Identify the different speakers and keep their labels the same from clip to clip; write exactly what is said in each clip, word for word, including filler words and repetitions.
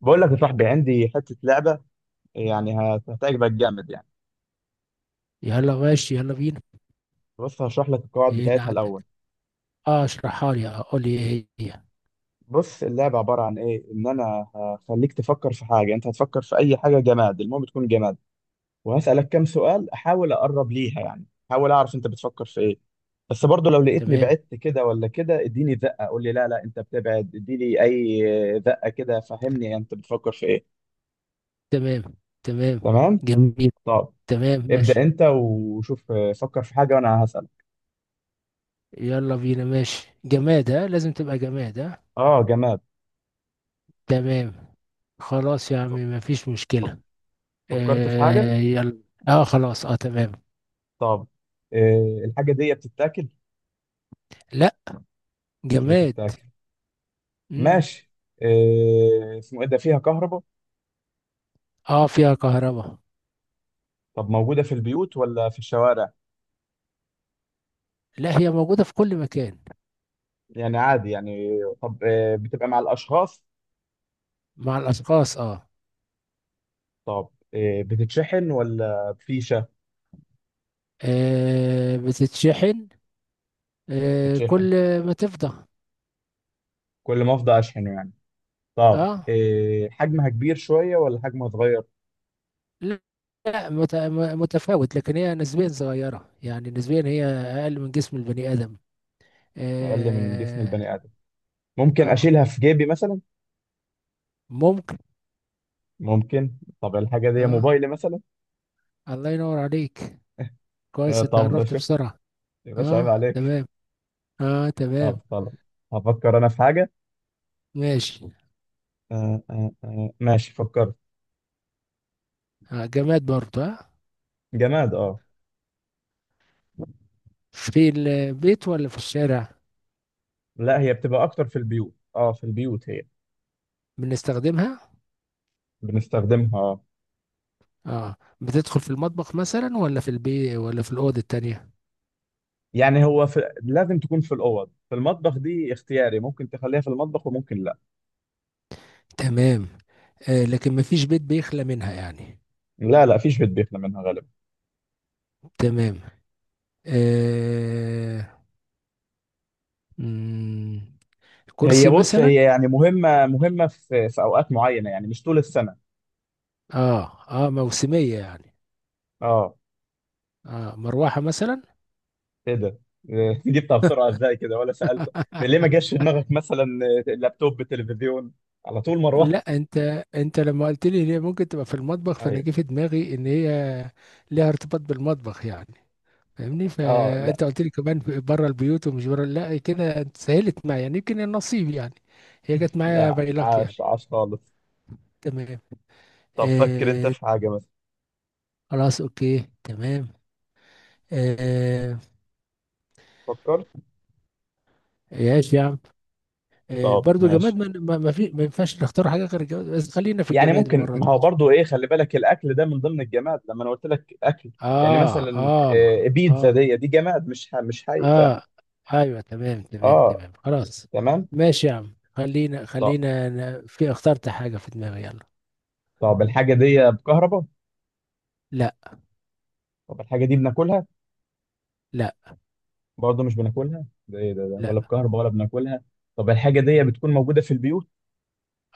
Speaker 1: بقول لك يا صاحبي، عندي حتة لعبة يعني هت- هتعجبك جامد يعني.
Speaker 2: يلا ماشي، يلا بينا.
Speaker 1: بص، هشرح لك القواعد
Speaker 2: ايه اللي
Speaker 1: بتاعتها
Speaker 2: عندك؟
Speaker 1: الأول.
Speaker 2: اه، اشرحها لي. اه، قول لي ايه هي.
Speaker 1: بص، اللعبة عبارة عن إيه، إن أنا هخليك تفكر في حاجة. أنت هتفكر في أي حاجة جماد، المهم تكون جماد. وهسألك كام سؤال أحاول أقرب ليها يعني، أحاول أعرف أنت بتفكر في إيه. بس برضه لو لقيتني
Speaker 2: تمام،
Speaker 1: بعدت كده ولا كده، اديني زقة، قول لي لا لا أنت بتبعد، اديني أي زقة كده، فهمني أنت بتفكر في إيه.
Speaker 2: تمام، تمام.
Speaker 1: تمام.
Speaker 2: جميل.
Speaker 1: طب،
Speaker 2: تمام، ماشي.
Speaker 1: ابدأ أنت وشوف. آه، فكر في حاجة وأنا هسألك.
Speaker 2: يلا بينا، ماشي. جماد؟ ها، لازم تبقى جماد، ها.
Speaker 1: أه، جماد.
Speaker 2: تمام. خلاص يا عم، مفيش مشكلة.
Speaker 1: فكرت في حاجة؟
Speaker 2: آه، يلا. اه خلاص، اه تمام.
Speaker 1: طب، آه، الحاجة دي بتتاكل؟
Speaker 2: لا.
Speaker 1: مش
Speaker 2: جماد.
Speaker 1: بتتاكل،
Speaker 2: مم.
Speaker 1: ماشي. آه، اسمه ايه ده، فيها كهرباء؟
Speaker 2: اه، فيها كهرباء.
Speaker 1: طب موجودة في البيوت ولا في الشوارع؟
Speaker 2: لا، هي موجودة في كل مكان.
Speaker 1: يعني عادي يعني. طب آه، بتبقى مع الأشخاص؟
Speaker 2: مع الأشخاص، اه.
Speaker 1: طب آه، بتتشحن ولا بفيشة؟
Speaker 2: آه، بتتشحن. آه،
Speaker 1: بتتشحن.
Speaker 2: كل ما تفضى.
Speaker 1: كل ما افضى اشحنه يعني. طب
Speaker 2: اه.
Speaker 1: آه، حجمها كبير شوية ولا حجمها صغير؟
Speaker 2: لا لا، مت- م- متفاوت، لكن هي نسبيا صغيرة، يعني نسبيا هي أقل من جسم البني آدم.
Speaker 1: اقل من جسم
Speaker 2: آه.
Speaker 1: البني آدم. ممكن اشيلها
Speaker 2: آه،
Speaker 1: في جيبي مثلا؟
Speaker 2: ممكن.
Speaker 1: ممكن. طب الحاجة دي
Speaker 2: آه.
Speaker 1: موبايلي مثلا.
Speaker 2: الله ينور عليك.
Speaker 1: آه،
Speaker 2: كويس، أنت
Speaker 1: طب ده
Speaker 2: عرفت
Speaker 1: شفت؟
Speaker 2: بسرعة.
Speaker 1: يا باشا، عيب
Speaker 2: آه
Speaker 1: عليك.
Speaker 2: تمام، آه
Speaker 1: طب
Speaker 2: تمام.
Speaker 1: خلاص، هفكر انا في حاجه.
Speaker 2: ماشي.
Speaker 1: آه آه آه. ماشي، فكرت.
Speaker 2: آه، جماد برضه، آه.
Speaker 1: جماد، اه.
Speaker 2: في البيت ولا في الشارع؟
Speaker 1: لا، هي بتبقى اكتر في البيوت، اه، في البيوت. هي
Speaker 2: بنستخدمها.
Speaker 1: بنستخدمها، اه.
Speaker 2: آه، بتدخل في المطبخ مثلا، ولا في البيت، ولا في الأوضة التانية؟
Speaker 1: يعني هو في، لازم تكون في الاوض. في المطبخ دي اختياري، ممكن تخليها في المطبخ وممكن لا.
Speaker 2: تمام. آه، لكن مفيش بيت بيخلى منها يعني.
Speaker 1: لا، لا فيش بيت بيخلى منها غالبا.
Speaker 2: تمام. آه. مم،
Speaker 1: هي
Speaker 2: كرسي
Speaker 1: بص، هي
Speaker 2: مثلا.
Speaker 1: يعني مهمه مهمه في في اوقات معينه، يعني مش طول السنه،
Speaker 2: اه، اه، موسمية يعني.
Speaker 1: اه.
Speaker 2: اه، مروحة مثلا.
Speaker 1: ايه ده؟ إيه، جبتها بسرعه ازاي كده ولا سالت؟ ليه ما جاش في دماغك مثلا؟ آه، لابتوب، تلفزيون، على طول مروه.
Speaker 2: لا انت، انت لما قلت لي ان هي ممكن تبقى في المطبخ، فانا
Speaker 1: ايوه،
Speaker 2: جه في دماغي ان هي ليها ارتباط بالمطبخ يعني. فاهمني؟
Speaker 1: اه، لا.
Speaker 2: فانت قلت لي كمان بره البيوت ومش بره، لا كده انت سهلت معايا، يعني يمكن النصيب يعني. هي جت معايا،
Speaker 1: لا،
Speaker 2: باي لك يعني.
Speaker 1: عاش عاش خالص.
Speaker 2: تمام.
Speaker 1: طب، فكر انت
Speaker 2: آه،
Speaker 1: في حاجة مثلا.
Speaker 2: خلاص اوكي تمام. آه.
Speaker 1: فكرت.
Speaker 2: يا عم. آه،
Speaker 1: طب
Speaker 2: برضو جماد.
Speaker 1: ماشي.
Speaker 2: ما ما ما في ما ينفعش نختار حاجة غير الجماد، بس خلينا في
Speaker 1: يعني
Speaker 2: الجماد
Speaker 1: ممكن،
Speaker 2: المرة
Speaker 1: ما
Speaker 2: دي.
Speaker 1: هو برضو ايه، خلي بالك الاكل ده من ضمن الجماد لما انا قلت لك اكل. يعني
Speaker 2: اه،
Speaker 1: مثلا
Speaker 2: اه،
Speaker 1: آه، بيتزا
Speaker 2: اه،
Speaker 1: دي دي جماد، مش ح- مش حي، ف
Speaker 2: اه، ايوه تمام، تمام،
Speaker 1: اه،
Speaker 2: تمام، خلاص.
Speaker 1: تمام.
Speaker 2: ماشي يا عم. خلينا
Speaker 1: طب
Speaker 2: خلينا أنا في اخترت حاجة في دماغي، يلا.
Speaker 1: طب الحاجة دي بكهرباء؟
Speaker 2: لا،
Speaker 1: طب الحاجة دي بناكلها؟
Speaker 2: لا،
Speaker 1: برضو مش بناكلها. ده ايه ده, ده
Speaker 2: لا.
Speaker 1: ولا بكهرباء ولا بناكلها؟ طب الحاجة دي بتكون موجودة في البيوت؟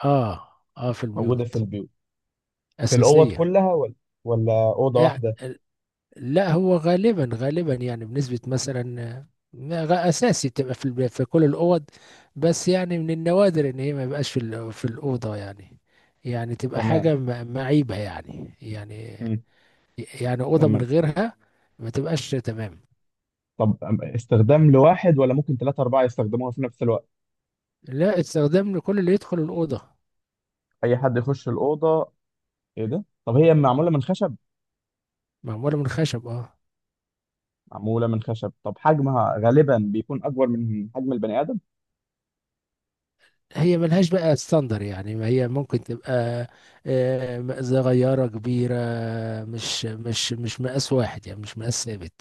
Speaker 2: اه، اه، في
Speaker 1: موجودة في
Speaker 2: البيوت.
Speaker 1: البيوت. في الاوض
Speaker 2: أساسية
Speaker 1: كلها ولا ولا اوضة
Speaker 2: يعني.
Speaker 1: واحدة؟
Speaker 2: لا هو غالبا غالبا يعني، بنسبة مثلا، آه، غ- أساسي بتبقى في الب- في كل الأوض، بس يعني من النوادر إن هي ما يبقاش في ال- في الأوضة يعني، يعني تبقى
Speaker 1: تمام.
Speaker 2: حاجة م- معيبة يعني، يعني.
Speaker 1: مم.
Speaker 2: يعني أوضة من
Speaker 1: تمام.
Speaker 2: غيرها ما تبقاش، تمام.
Speaker 1: طب أم- استخدام لواحد ولا ممكن ثلاثة أربعة يستخدموها في نفس الوقت؟
Speaker 2: لا، استخدام لكل اللي يدخل الأوضة.
Speaker 1: أي حد يخش الأوضة. إيه ده؟ طب هي معمولة من خشب؟
Speaker 2: معمولة من خشب، اه.
Speaker 1: معمولة من خشب. طب حجمها غالبا بيكون أكبر من حجم البني آدم؟
Speaker 2: هي ملهاش بقى ستاندر، يعني ما هي ممكن تبقى آه، صغيرة كبيرة. مش مش مش مقاس واحد يعني، مش مقاس ثابت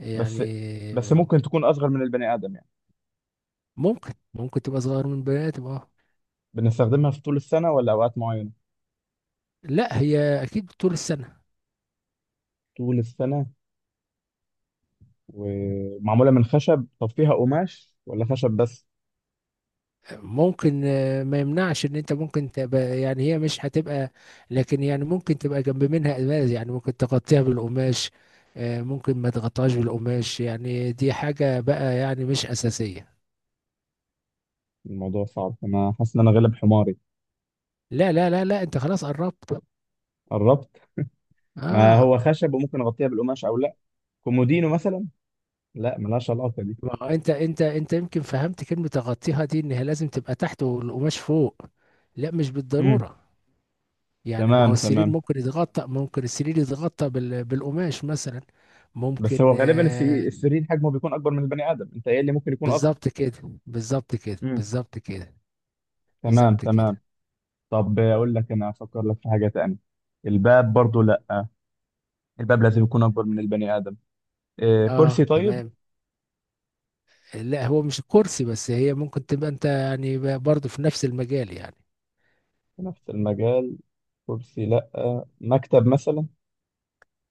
Speaker 2: يعني.
Speaker 1: بس بس ممكن تكون أصغر من البني آدم يعني.
Speaker 2: ممكن، ممكن تبقى صغير من البني ادم، اه.
Speaker 1: بنستخدمها في طول السنة ولا أوقات معينة؟
Speaker 2: لا هي اكيد طول السنه.
Speaker 1: طول السنة. ومعمولة من خشب. طب فيها قماش ولا خشب بس؟
Speaker 2: ممكن، آه، ما يمنعش ان انت ممكن تبقى، يعني هي مش هتبقى، لكن يعني ممكن تبقى جنب منها قماش يعني، ممكن تغطيها بالقماش آه، ممكن ما تغطاش بالقماش يعني. دي حاجه بقى يعني، مش اساسيه.
Speaker 1: الموضوع صعب، أنا حاسس إن أنا غالب حماري.
Speaker 2: لا، لا، لا، لا، انت خلاص قربت،
Speaker 1: قربت؟ ما
Speaker 2: اه.
Speaker 1: هو خشب وممكن أغطيها بالقماش أو لأ. كومودينو مثلا. لأ، ملهاش علاقة دي.
Speaker 2: ما هو انت، انت انت يمكن فهمت كلمه تغطيها دي، ان هي لازم تبقى تحت والقماش فوق. لا، مش
Speaker 1: مم.
Speaker 2: بالضروره. يعني ما هو
Speaker 1: تمام،
Speaker 2: السرير
Speaker 1: تمام.
Speaker 2: ممكن يتغطى، ممكن السرير يتغطى بال- بالقماش مثلا،
Speaker 1: بس
Speaker 2: ممكن
Speaker 1: هو غالبا السي-
Speaker 2: آه.
Speaker 1: السرير حجمه بيكون اكبر من البني ادم، انت ايه اللي ممكن يكون اصغر؟
Speaker 2: بالظبط كده، بالظبط كده،
Speaker 1: امم،
Speaker 2: بالظبط كده.
Speaker 1: تمام،
Speaker 2: بالظبط
Speaker 1: تمام.
Speaker 2: كده.
Speaker 1: طب اقول لك انا افكر لك في حاجه تانية. الباب برضو لا. الباب لازم يكون اكبر من البني ادم. إيه، كرسي
Speaker 2: اه
Speaker 1: طيب؟
Speaker 2: تمام. لا هو مش الكرسي بس، هي ممكن تبقى انت يعني برضه في نفس المجال يعني.
Speaker 1: في نفس المجال. كرسي لا. مكتب مثلا.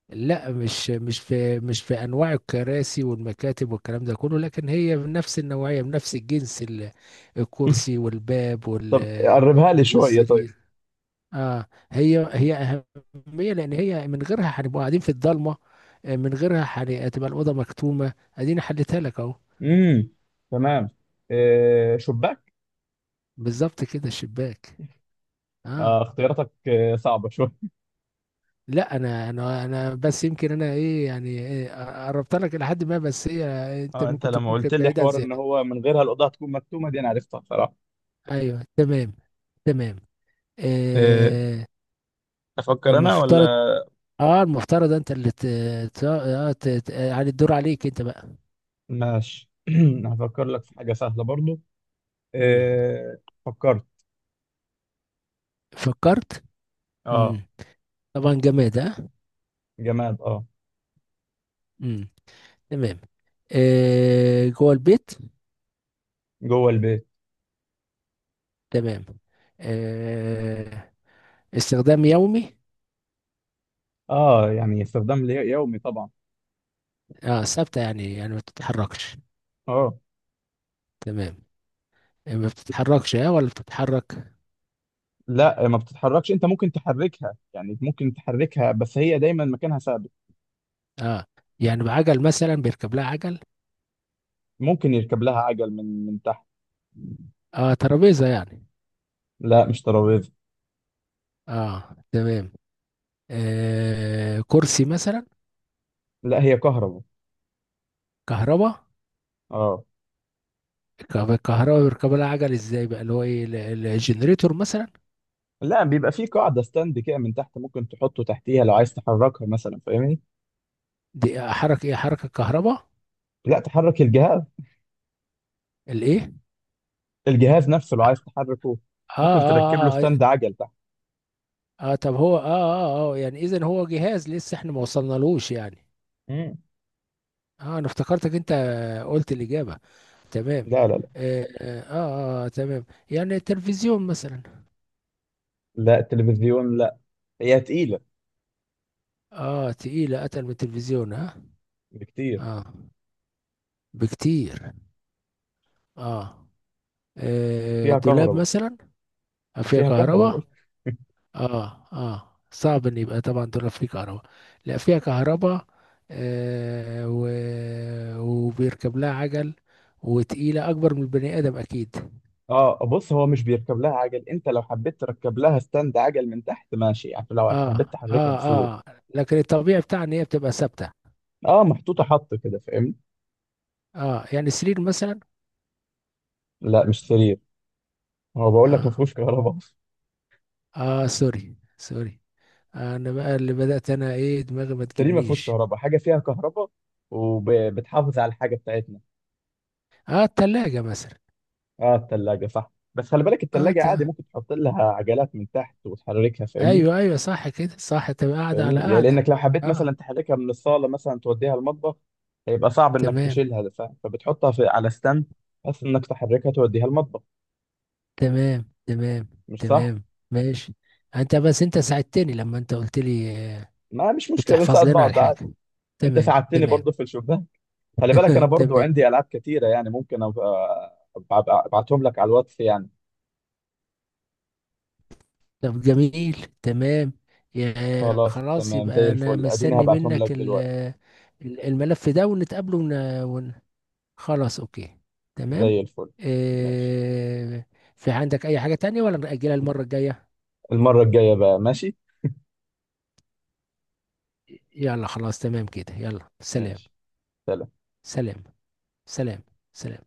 Speaker 2: لا، مش مش في مش في انواع الكراسي والمكاتب والكلام ده كله، لكن هي بنفس النوعية بنفس الجنس، ال- الكرسي والباب
Speaker 1: طب
Speaker 2: وال
Speaker 1: قربها لي شويه طيب.
Speaker 2: والسرير، اه. هي هي اهميه، لان هي من غيرها هنبقى قاعدين في الضلمه، آه، من غيرها هن- هتبقى الاوضه مكتومه. اديني حلتها لك اهو.
Speaker 1: امم، تمام. إيه، شباك؟
Speaker 2: بالظبط كده، الشباك، اه.
Speaker 1: آه، اختياراتك آه صعبه شويه.
Speaker 2: لا انا، انا انا بس يمكن انا ايه يعني، إيه، قربت لك الى حد ما، بس هي انت
Speaker 1: اه، انت
Speaker 2: ممكن
Speaker 1: لما
Speaker 2: تكون
Speaker 1: قلت
Speaker 2: كانت
Speaker 1: لي
Speaker 2: بعيده عن
Speaker 1: حوار ان
Speaker 2: ذهنك.
Speaker 1: هو من غيرها الاوضه هتكون مكتومه دي، انا عرفتها بصراحه.
Speaker 2: ايوه تمام، تمام.
Speaker 1: إيه،
Speaker 2: آه.
Speaker 1: افكر انا
Speaker 2: المفترض.
Speaker 1: ولا؟
Speaker 2: اه المفترض انت اللي ت... ت... آه ت... ت... يعني الدور عليك انت بقى.
Speaker 1: ماشي. هفكر لك في حاجة سهلة برضو.
Speaker 2: مم.
Speaker 1: إيه، فكرت.
Speaker 2: فكرت.
Speaker 1: اه.
Speaker 2: مم. طبعا جماد، ها.
Speaker 1: جماد، اه.
Speaker 2: امم. تمام. آه، جوه البيت.
Speaker 1: جوه البيت،
Speaker 2: تمام. آه. استخدام يومي.
Speaker 1: اه، يعني استخدام لي- يومي طبعا.
Speaker 2: اه، ثابتة يعني، يعني ما بتتحركش.
Speaker 1: اه،
Speaker 2: تمام. آه، ما بتتحركش اه، ولا بتتحرك؟
Speaker 1: لا ما بتتحركش، انت ممكن تحركها، يعني ممكن تحركها، بس هي دايما مكانها ثابت.
Speaker 2: اه، يعني بعجل مثلا، بيركب لها عجل؟
Speaker 1: ممكن يركب لها عجل من من تحت.
Speaker 2: اه، ترابيزة يعني؟
Speaker 1: لا، مش ترابيزة.
Speaker 2: اه تمام. آه، كرسي مثلا؟
Speaker 1: لا، هي كهرباء،
Speaker 2: كهرباء.
Speaker 1: اه.
Speaker 2: الكهرباء بيركب لها عجل ازاي بقى؟ اللي هو ايه، ال- ال- الجنريتور مثلا؟
Speaker 1: لا، بيبقى في قاعدة ستاند كده من تحت، ممكن تحطه تحتيها لو عايز تحركها مثلا، فاهمني.
Speaker 2: دي حركة ايه؟ حركة كهرباء؟
Speaker 1: لا، تحرك الجهاز.
Speaker 2: الايه؟
Speaker 1: الجهاز نفسه لو عايز تحركه،
Speaker 2: اه،
Speaker 1: ممكن تركب له
Speaker 2: اه، اه،
Speaker 1: ستاند عجل.
Speaker 2: اه طب هو، اه، اه، اه، يعني اذا هو جهاز لسه احنا ما وصلنالوش يعني.
Speaker 1: مم.
Speaker 2: اه، انا افتكرتك انت قلت الاجابه. تمام.
Speaker 1: لا، لا، لا،
Speaker 2: اه، اه، آه، آه تمام. يعني التلفزيون مثلا.
Speaker 1: لا. التلفزيون لا. هي تقيلة
Speaker 2: اه، تقيله، اتقل من التلفزيون، اه.
Speaker 1: بكتير
Speaker 2: اه، بكتير. اه. آه،
Speaker 1: وفيها
Speaker 2: دولاب
Speaker 1: كهرباء.
Speaker 2: مثلا؟ آه،
Speaker 1: ما
Speaker 2: فيها
Speaker 1: فيها كهرباء
Speaker 2: كهرباء.
Speaker 1: بقول.
Speaker 2: اه، اه، صعب ان يبقى طبعا دولاب فيه كهرباء. لا، فيها كهرباء. آه. و... وبيركب لها عجل، وتقيلة أكبر من البني آدم أكيد.
Speaker 1: اه بص، هو مش بيركب لها عجل، انت لو حبيت تركب لها ستاند عجل من تحت ماشي يعني، لو
Speaker 2: اه،
Speaker 1: حبيت تحركها
Speaker 2: اه،
Speaker 1: بسهولة.
Speaker 2: اه، لكن الطبيعي بتاعها ان هي بتبقى ثابته.
Speaker 1: اه، محطوطة حط كده، فاهمني.
Speaker 2: اه، يعني سرير مثلا؟
Speaker 1: لا، مش سرير. هو بقول لك ما
Speaker 2: اه،
Speaker 1: فيهوش كهرباء اصلا.
Speaker 2: اه، سوري سوري. آه، انا بقى اللي بدات، انا ايه، دماغي ما
Speaker 1: السرير ما فيهوش
Speaker 2: تجيبنيش.
Speaker 1: كهرباء. حاجة فيها كهرباء وبتحافظ على الحاجة بتاعتنا.
Speaker 2: اه، التلاجة مثلا؟
Speaker 1: اه، التلاجة صح، بس خلي بالك
Speaker 2: اه، ت...
Speaker 1: التلاجة عادي ممكن تحط لها عجلات من تحت وتحركها، فاهمني.
Speaker 2: ايوه، ايوه، صح كده، صح تبقى قاعده على
Speaker 1: فاهمني، لأ- لانك
Speaker 2: قاعده.
Speaker 1: لو حبيت
Speaker 2: اه
Speaker 1: مثلا تحركها من الصاله مثلا توديها المطبخ، هيبقى صعب انك
Speaker 2: تمام،
Speaker 1: تشيلها، ف- فبتحطها في على ستاند، بس انك تحركها توديها المطبخ،
Speaker 2: تمام، تمام،
Speaker 1: مش صح؟
Speaker 2: تمام، ماشي. انت بس، انت ساعدتني لما انت قلت لي آه،
Speaker 1: ما مش مشكله،
Speaker 2: بتحفظ
Speaker 1: بنساعد
Speaker 2: لنا على
Speaker 1: بعض عادي.
Speaker 2: الحاجه.
Speaker 1: انت
Speaker 2: تمام،
Speaker 1: ساعدتني
Speaker 2: تمام.
Speaker 1: برضو في الشباك. خلي بالك انا برضو
Speaker 2: تمام.
Speaker 1: عندي العاب كتيره يعني، ممكن أبقى- أبقى- ابعتهم لك على الواتس يعني.
Speaker 2: طب جميل، تمام. يا
Speaker 1: خلاص
Speaker 2: خلاص،
Speaker 1: تمام زي
Speaker 2: يبقى انا
Speaker 1: الفل، اديني
Speaker 2: مستني
Speaker 1: هبعتهم لك
Speaker 2: منك ال-
Speaker 1: دلوقتي.
Speaker 2: ال- الملف ده، ونتقابله ون... ون... خلاص اوكي تمام.
Speaker 1: زي الفل. ماشي.
Speaker 2: إيه... في عندك اي حاجة تانية ولا نأجلها المرة الجاية؟
Speaker 1: المره الجايه بقى، ماشي.
Speaker 2: يلا خلاص تمام كده، يلا سلام.
Speaker 1: ماشي. سلام.
Speaker 2: سلام. سلام. سلام.